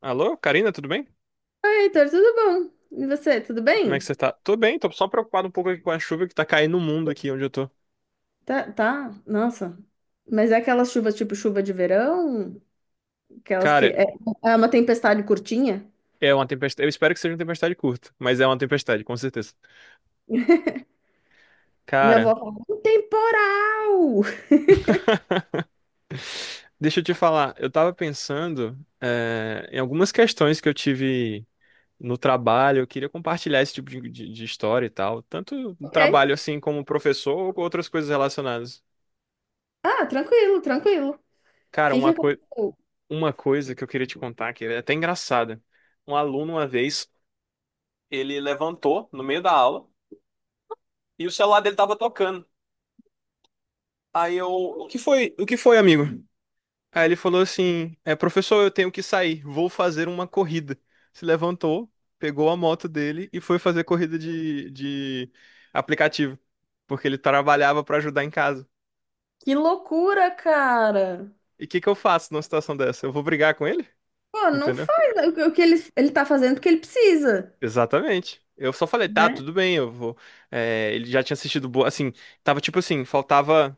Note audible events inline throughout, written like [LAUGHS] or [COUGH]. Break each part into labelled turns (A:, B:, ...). A: Alô, Karina, tudo bem?
B: Heitor, tudo bom? E você, tudo
A: Como é que
B: bem?
A: você tá? Tô bem, tô só preocupado um pouco aqui com a chuva que tá caindo no mundo aqui onde eu tô.
B: Tá, tá, nossa. Mas é aquelas chuvas tipo chuva de verão? Aquelas
A: Cara,
B: é uma tempestade curtinha?
A: é uma tempestade. Eu espero que seja uma tempestade curta, mas é uma tempestade, com certeza.
B: Minha avó
A: Cara,
B: falou, um temporal! [LAUGHS]
A: deixa eu te falar, eu tava pensando, em algumas questões que eu tive no trabalho, eu queria compartilhar esse tipo de história e tal, tanto no
B: Ok.
A: trabalho assim como professor ou com outras coisas relacionadas.
B: Ah, tranquilo, tranquilo. O
A: Cara,
B: que que aconteceu?
A: uma coisa que eu queria te contar, que é até engraçada. Um aluno uma vez, ele levantou no meio da aula. E o celular dele tava tocando. Aí eu: o que foi, o que foi, amigo? Aí ele falou assim: é, professor, eu tenho que sair, vou fazer uma corrida. Se levantou, pegou a moto dele e foi fazer corrida de aplicativo, porque ele trabalhava pra ajudar em casa.
B: Que loucura, cara!
A: E o que que eu faço numa situação dessa? Eu vou brigar com ele?
B: Pô, não
A: Entendeu?
B: faz o que ele tá fazendo porque ele precisa,
A: Exatamente. Eu só falei: tá,
B: né?
A: tudo bem, eu vou. É, ele já tinha assistido boa, assim, tava tipo assim, faltava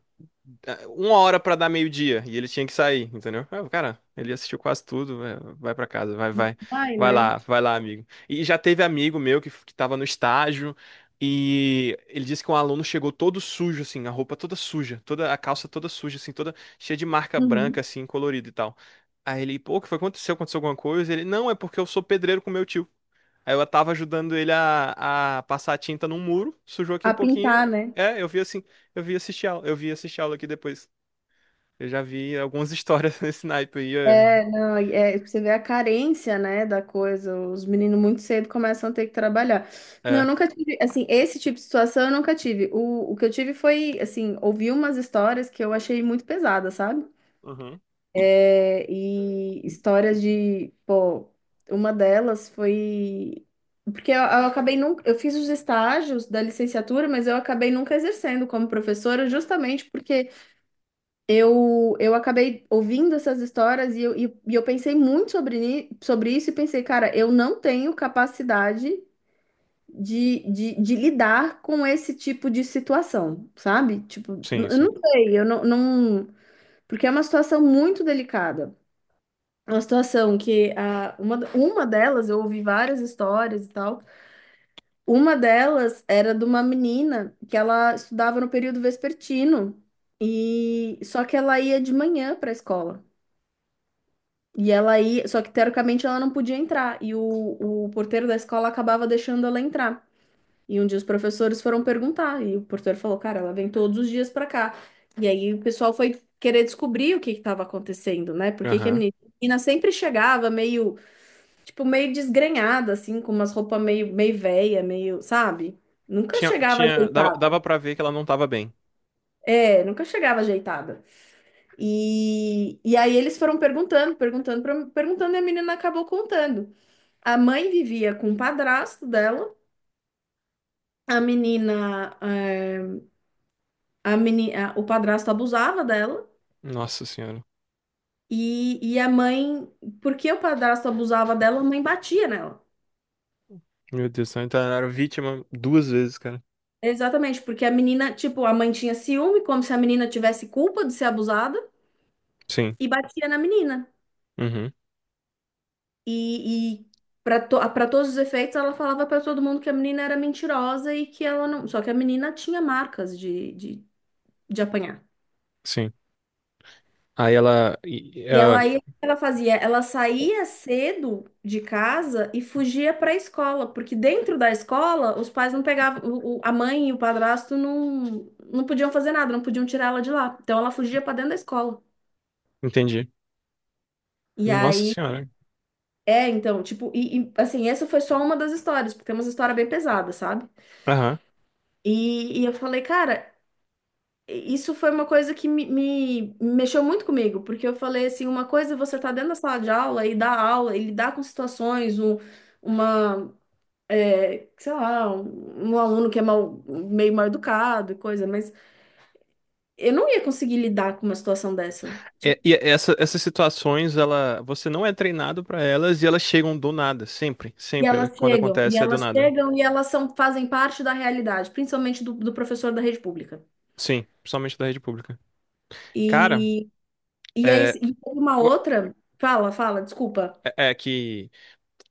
A: uma hora pra dar meio-dia e ele tinha que sair, entendeu? Ah, cara, ele assistiu quase tudo, vai pra casa, vai, vai,
B: Vai, né?
A: vai lá, amigo. E já teve amigo meu que tava no estágio e ele disse que um aluno chegou todo sujo, assim, a roupa toda suja, toda a calça toda suja, assim, toda cheia de marca
B: Uhum.
A: branca, assim, colorida e tal. Aí ele: pô, o que foi? Aconteceu? Aconteceu alguma coisa? Ele: não, é porque eu sou pedreiro com meu tio. Aí eu tava ajudando ele a passar a tinta num muro, sujou aqui um
B: A
A: pouquinho.
B: pintar, né?
A: É, eu vi assim, eu vi assistir aula aqui depois. Eu já vi algumas histórias [LAUGHS] nesse naipe aí. É.
B: É, não, é, você vê a carência, né, da coisa. Os meninos muito cedo começam a ter que trabalhar. Não, eu
A: É.
B: nunca tive, assim, esse tipo de situação eu nunca tive. O que eu tive foi, assim, ouvi umas histórias que eu achei muito pesadas, sabe?
A: Uhum.
B: É, e histórias de, pô, uma delas foi porque eu acabei nunca, eu fiz os estágios da licenciatura, mas eu acabei nunca exercendo como professora, justamente porque eu acabei ouvindo essas histórias e eu, e eu pensei muito sobre, sobre isso e pensei, cara, eu não tenho capacidade de lidar com esse tipo de situação, sabe? Tipo,
A: Sim,
B: eu
A: sim.
B: não sei, eu não, não... Porque é uma situação muito delicada. É uma situação uma delas, eu ouvi várias histórias e tal, uma delas era de uma menina que ela estudava no período vespertino e só que ela ia de manhã para a escola. E ela aí, só que teoricamente ela não podia entrar, e o porteiro da escola acabava deixando ela entrar. E um dia os professores foram perguntar, e o porteiro falou: cara, ela vem todos os dias pra cá. E aí o pessoal foi querer descobrir o que que estava acontecendo, né? Por que que
A: Aham.
B: a menina sempre chegava meio, tipo, meio desgrenhada, assim, com umas roupas meio, meio velha, meio, sabe? Nunca
A: Tinha,
B: chegava
A: tinha, dava,
B: ajeitada.
A: dava pra ver que ela não tava bem.
B: É, nunca chegava ajeitada. E aí eles foram perguntando, e a menina acabou contando. A mãe vivia com o padrasto dela, a menina, o padrasto abusava dela,
A: Nossa senhora.
B: e a mãe, porque o padrasto abusava dela, a mãe batia nela.
A: Meu Deus do céu. Então ela era vítima duas vezes, cara.
B: Exatamente, porque a menina, tipo, a mãe tinha ciúme, como se a menina tivesse culpa de ser abusada,
A: Sim.
B: e batia na menina.
A: Uhum.
B: E, e Para para todos os efeitos, ela falava para todo mundo que a menina era mentirosa e que ela não. Só que a menina tinha marcas de apanhar.
A: Sim. Aí ela. E-
B: E
A: ela-
B: ela ia, o que ela fazia? Ela saía cedo de casa e fugia para a escola, porque dentro da escola os pais não pegavam, a mãe e o padrasto não podiam fazer nada, não podiam tirar ela de lá. Então ela fugia para dentro da escola.
A: Entendi.
B: E
A: Nossa
B: aí,
A: senhora.
B: é, então, tipo, assim, essa foi só uma das histórias, porque é uma história bem pesada, sabe?
A: Aham.
B: E eu falei, cara, isso foi uma coisa que mexeu muito comigo, porque eu falei assim, uma coisa é você tá dentro da sala de aula e dar aula, e lidar com situações, uma, é, sei lá, um aluno que é mal, meio mal educado e coisa, mas eu não ia conseguir lidar com uma situação dessa. Tipo,
A: É, essas situações, ela, você não é treinado pra elas e elas chegam do nada. Sempre.
B: e
A: Sempre. Quando acontece, é do
B: elas
A: nada.
B: chegam, e elas são, fazem parte da realidade, principalmente do, do professor da rede pública.
A: Sim. Principalmente da rede pública. Cara,
B: E, e aí,
A: é,
B: e uma
A: pô,
B: outra, fala, fala, desculpa.
A: é que.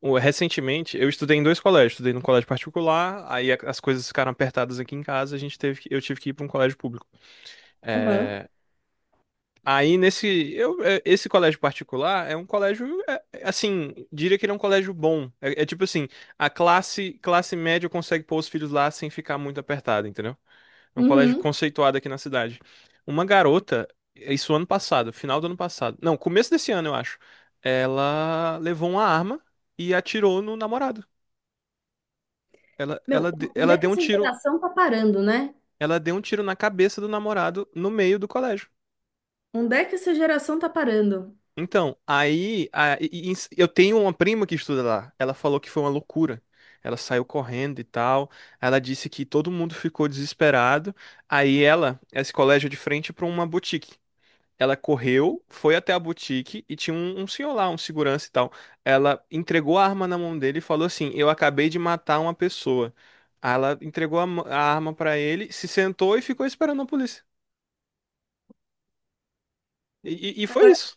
A: Recentemente, eu estudei em dois colégios. Estudei num colégio particular, aí as coisas ficaram apertadas aqui em casa, a gente teve, que- eu tive que ir para um colégio público.
B: Aham.
A: É, aí nesse, esse colégio particular é um colégio, é, é, assim, diria que ele é um colégio bom. É, é tipo assim, a classe média consegue pôr os filhos lá sem ficar muito apertada, entendeu? É um colégio
B: Uhum.
A: conceituado aqui na cidade. Uma garota, isso ano passado, final do ano passado, não, começo desse ano, eu acho, ela levou uma arma e atirou no namorado. Ela, ela,
B: Meu,
A: de-
B: onde
A: ela
B: é que
A: deu um
B: essa
A: tiro,
B: geração tá parando, né?
A: ela deu um tiro na cabeça do namorado no meio do colégio.
B: Onde é que essa geração tá parando?
A: Então, aí, eu tenho uma prima que estuda lá. Ela falou que foi uma loucura. Ela saiu correndo e tal. Ela disse que todo mundo ficou desesperado. Aí ela, esse colégio é de frente para uma boutique. Ela correu, foi até a boutique e tinha um senhor lá, um segurança e tal. Ela entregou a arma na mão dele e falou assim: eu acabei de matar uma pessoa. Aí ela entregou a arma pra ele, se sentou e ficou esperando a polícia. E foi isso.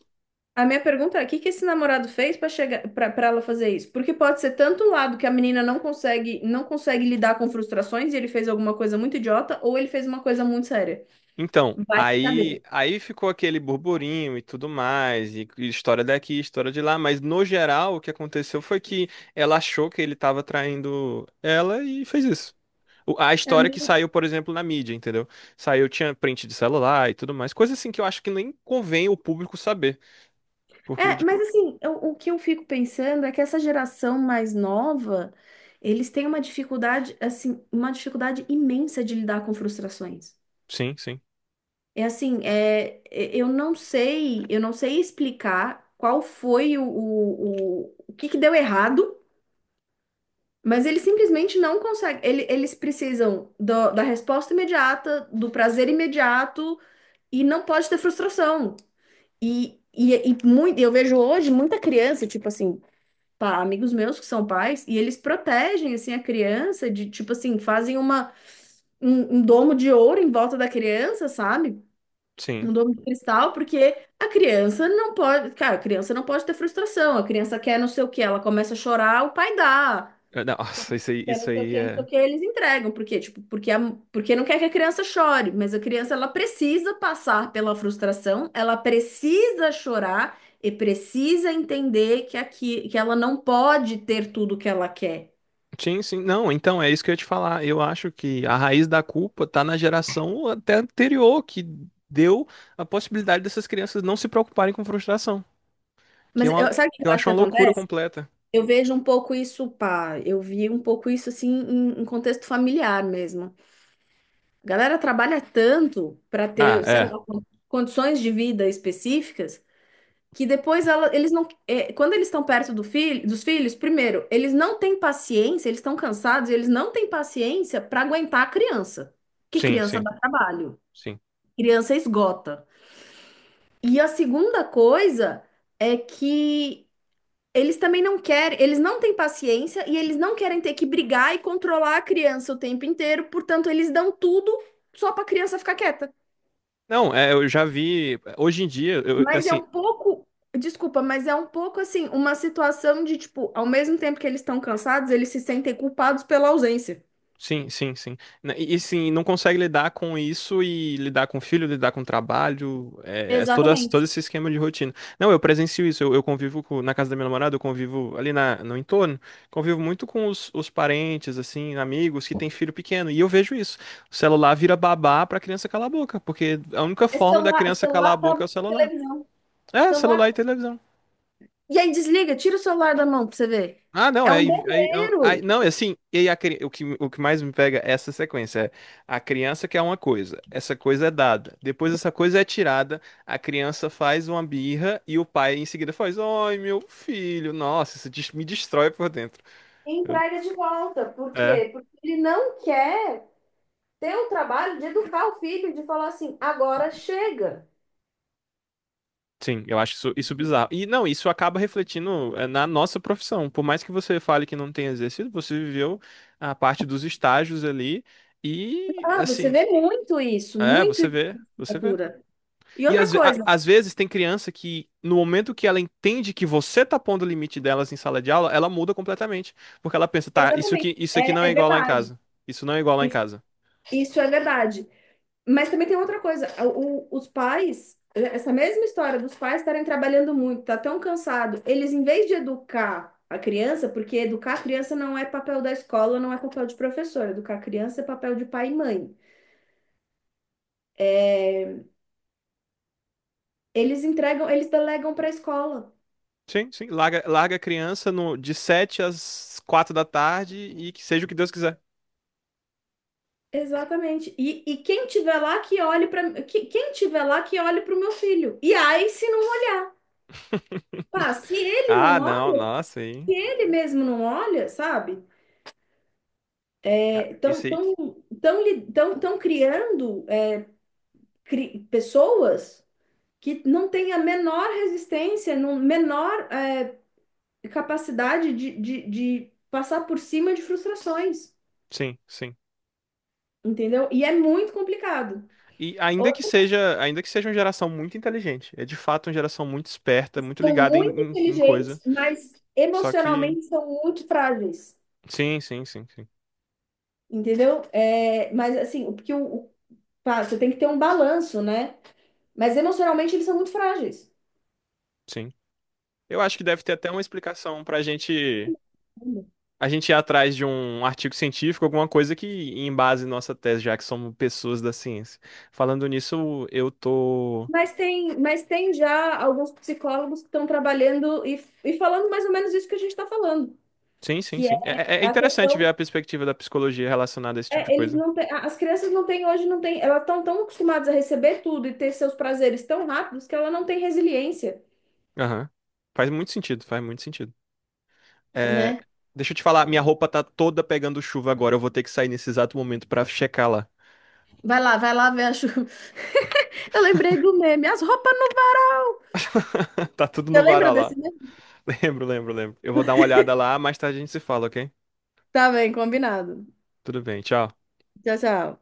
B: A minha pergunta é, o que que esse namorado fez para chegar para ela fazer isso? Porque pode ser tanto o lado que a menina não consegue lidar com frustrações e ele fez alguma coisa muito idiota, ou ele fez uma coisa muito séria.
A: Então,
B: Vai
A: aí,
B: saber.
A: aí ficou aquele burburinho e tudo mais, e história daqui, história de lá, mas no geral o que aconteceu foi que ela achou que ele estava traindo ela e fez isso. A
B: É,
A: história que saiu, por exemplo, na mídia, entendeu? Saiu, tinha print de celular e tudo mais. Coisa assim que eu acho que nem convém o público saber. Porque, de... co-
B: mas assim, o que eu fico pensando é que essa geração mais nova, eles têm uma dificuldade, assim, uma dificuldade imensa de lidar com frustrações.
A: sim, sim,
B: É assim, é, eu não sei explicar qual foi o que que deu errado, mas eles simplesmente não conseguem. Eles precisam da resposta imediata, do prazer imediato e não pode ter frustração. Muito, eu vejo hoje muita criança, tipo assim, pá, amigos meus que são pais, e eles protegem assim a criança de tipo assim, fazem um domo de ouro em volta da criança, sabe?
A: sim.
B: Um domo de cristal, porque a criança não pode, cara, a criança não pode ter frustração. A criança quer não sei o que, ela começa a chorar, o pai dá.
A: Eh, não, [LAUGHS] nossa,
B: Quer
A: isso
B: não sei o
A: aí
B: que, não sei o
A: é.
B: que, eles entregam. Por quê? Tipo, porque, a, porque não quer que a criança chore, mas a criança ela precisa passar pela frustração, ela precisa chorar e precisa entender que aqui, que ela não pode ter tudo que ela quer.
A: Sim, sim. Não, então é isso que eu ia te falar. Eu acho que a raiz da culpa tá na geração até anterior, que deu a possibilidade dessas crianças não se preocuparem com frustração. Que é uma, que
B: Sabe o que eu
A: eu
B: acho
A: acho
B: que
A: uma loucura
B: acontece?
A: completa.
B: Eu vejo um pouco isso, pá, eu vi um pouco isso assim em contexto familiar mesmo. A galera trabalha tanto para
A: Ah,
B: ter, sei
A: é.
B: lá, condições de vida específicas que depois eles não, é, quando eles estão perto do filho, dos filhos, primeiro, eles não têm paciência, eles estão cansados, e eles não têm paciência para aguentar a criança. Que
A: Sim,
B: criança
A: sim,
B: dá trabalho,
A: sim.
B: criança esgota. E a segunda coisa é que eles também não querem, eles não têm paciência e eles não querem ter que brigar e controlar a criança o tempo inteiro, portanto, eles dão tudo só para a criança ficar quieta.
A: Não, é, eu já vi. Hoje em dia, eu,
B: Mas é
A: assim,
B: um pouco, desculpa, mas é um pouco assim, uma situação de tipo, ao mesmo tempo que eles estão cansados, eles se sentem culpados pela ausência.
A: sim, sim, sim. Sim, não consegue lidar com isso e lidar com o filho, lidar com o trabalho, é, é todo, todo
B: Exatamente.
A: esse esquema de rotina. Não, eu presencio isso, eu convivo na casa da minha namorada, eu convivo ali na, no entorno, convivo muito com os parentes, assim, amigos que têm filho pequeno, e eu vejo isso. O celular vira babá pra criança calar a boca, porque a única
B: É
A: forma da
B: celular,
A: criança calar a
B: celular,
A: boca é o
B: tablet,
A: celular.
B: televisão.
A: É,
B: Celular.
A: celular e televisão.
B: E aí desliga, tira o celular da mão pra você ver.
A: Ah, não,
B: É
A: é,
B: um berreiro
A: não, é assim, e aí o que mais me pega é essa sequência, é a criança quer uma coisa, essa coisa é dada, depois essa coisa é tirada, a criança faz uma birra e o pai em seguida faz, ai, meu filho, nossa, isso me destrói por dentro.
B: em
A: Eu-
B: praia de volta. Por
A: é,
B: quê? Porque ele não quer ter o trabalho de educar o filho, de falar assim, agora chega.
A: sim, eu acho isso, isso bizarro. E não, isso acaba refletindo é, na nossa profissão, por mais que você fale que não tem exercido, você viveu a parte dos estágios ali e,
B: Ah, você
A: assim,
B: vê muito isso,
A: é,
B: muito
A: você
B: isso
A: vê,
B: na
A: você vê.
B: cultura. E
A: E
B: outra coisa,
A: às vezes tem criança que, no momento que ela entende que você tá pondo o limite delas em sala de aula, ela muda completamente. Porque ela pensa: tá,
B: exatamente,
A: isso aqui não
B: é,
A: é
B: é
A: igual lá em
B: verdade.
A: casa. Isso não é igual lá em
B: Isso
A: casa.
B: isso é verdade. Mas também tem outra coisa, os pais, essa mesma história dos pais estarem trabalhando muito, tá tão cansado, eles em vez de educar a criança, porque educar a criança não é papel da escola, não é papel de professor, educar a criança é papel de pai e mãe. É, eles entregam, eles delegam para a escola.
A: Sim, sim. Larga, larga a criança no, de 7 às 4 da tarde e que seja o que Deus quiser.
B: Exatamente. E quem tiver lá que olhe para quem tiver lá que olhe para o meu filho. E aí se não olhar,
A: [LAUGHS]
B: pá, se ele não
A: Ah, não,
B: olha,
A: nossa, hein?
B: ele mesmo não olha, sabe? Estão
A: Isso aí.
B: estão criando pessoas que não têm a menor resistência, não, menor é, capacidade de passar por cima de frustrações,
A: Sim, sim.
B: entendeu? E é muito complicado.
A: E
B: Outros
A: ainda que seja uma geração muito inteligente, é de fato uma geração muito esperta, muito
B: são
A: ligada
B: muito
A: em, em
B: inteligentes,
A: coisa.
B: mas
A: Só que.
B: emocionalmente são muito frágeis,
A: Sim, sim, sim.
B: entendeu? É, mas assim, pá, você tem que ter um balanço, né? Mas emocionalmente eles são muito frágeis.
A: Sim. Eu acho que deve ter até uma explicação pra gente. A gente ir atrás de um artigo científico, alguma coisa que embase nossa tese, já que somos pessoas da ciência. Falando nisso, eu tô.
B: Mas tem já alguns psicólogos que estão trabalhando e falando mais ou menos isso que a gente está falando,
A: Sim, sim,
B: que é
A: sim. É, é
B: a
A: interessante
B: questão,
A: ver a perspectiva da psicologia relacionada a esse tipo de
B: é, eles
A: coisa.
B: não têm- a- as crianças não têm hoje, não têm, elas estão tão tão acostumadas a receber tudo e ter seus prazeres tão rápidos que ela não tem resiliência,
A: Aham. Faz muito sentido, faz muito sentido. É,
B: né?
A: deixa eu te falar, minha roupa tá toda pegando chuva agora. Eu vou ter que sair nesse exato momento pra checar lá.
B: Vai lá ver a chuva. [LAUGHS] Eu lembrei do meme, as roupas não.
A: [LAUGHS] Tá tudo
B: Você
A: no
B: lembra
A: varal lá.
B: desse meme?
A: Lembro, lembro, lembro. Eu vou dar uma olhada lá, mais tarde a gente se fala, ok?
B: Tá bem, combinado.
A: Tudo bem, tchau.
B: Tchau, tchau.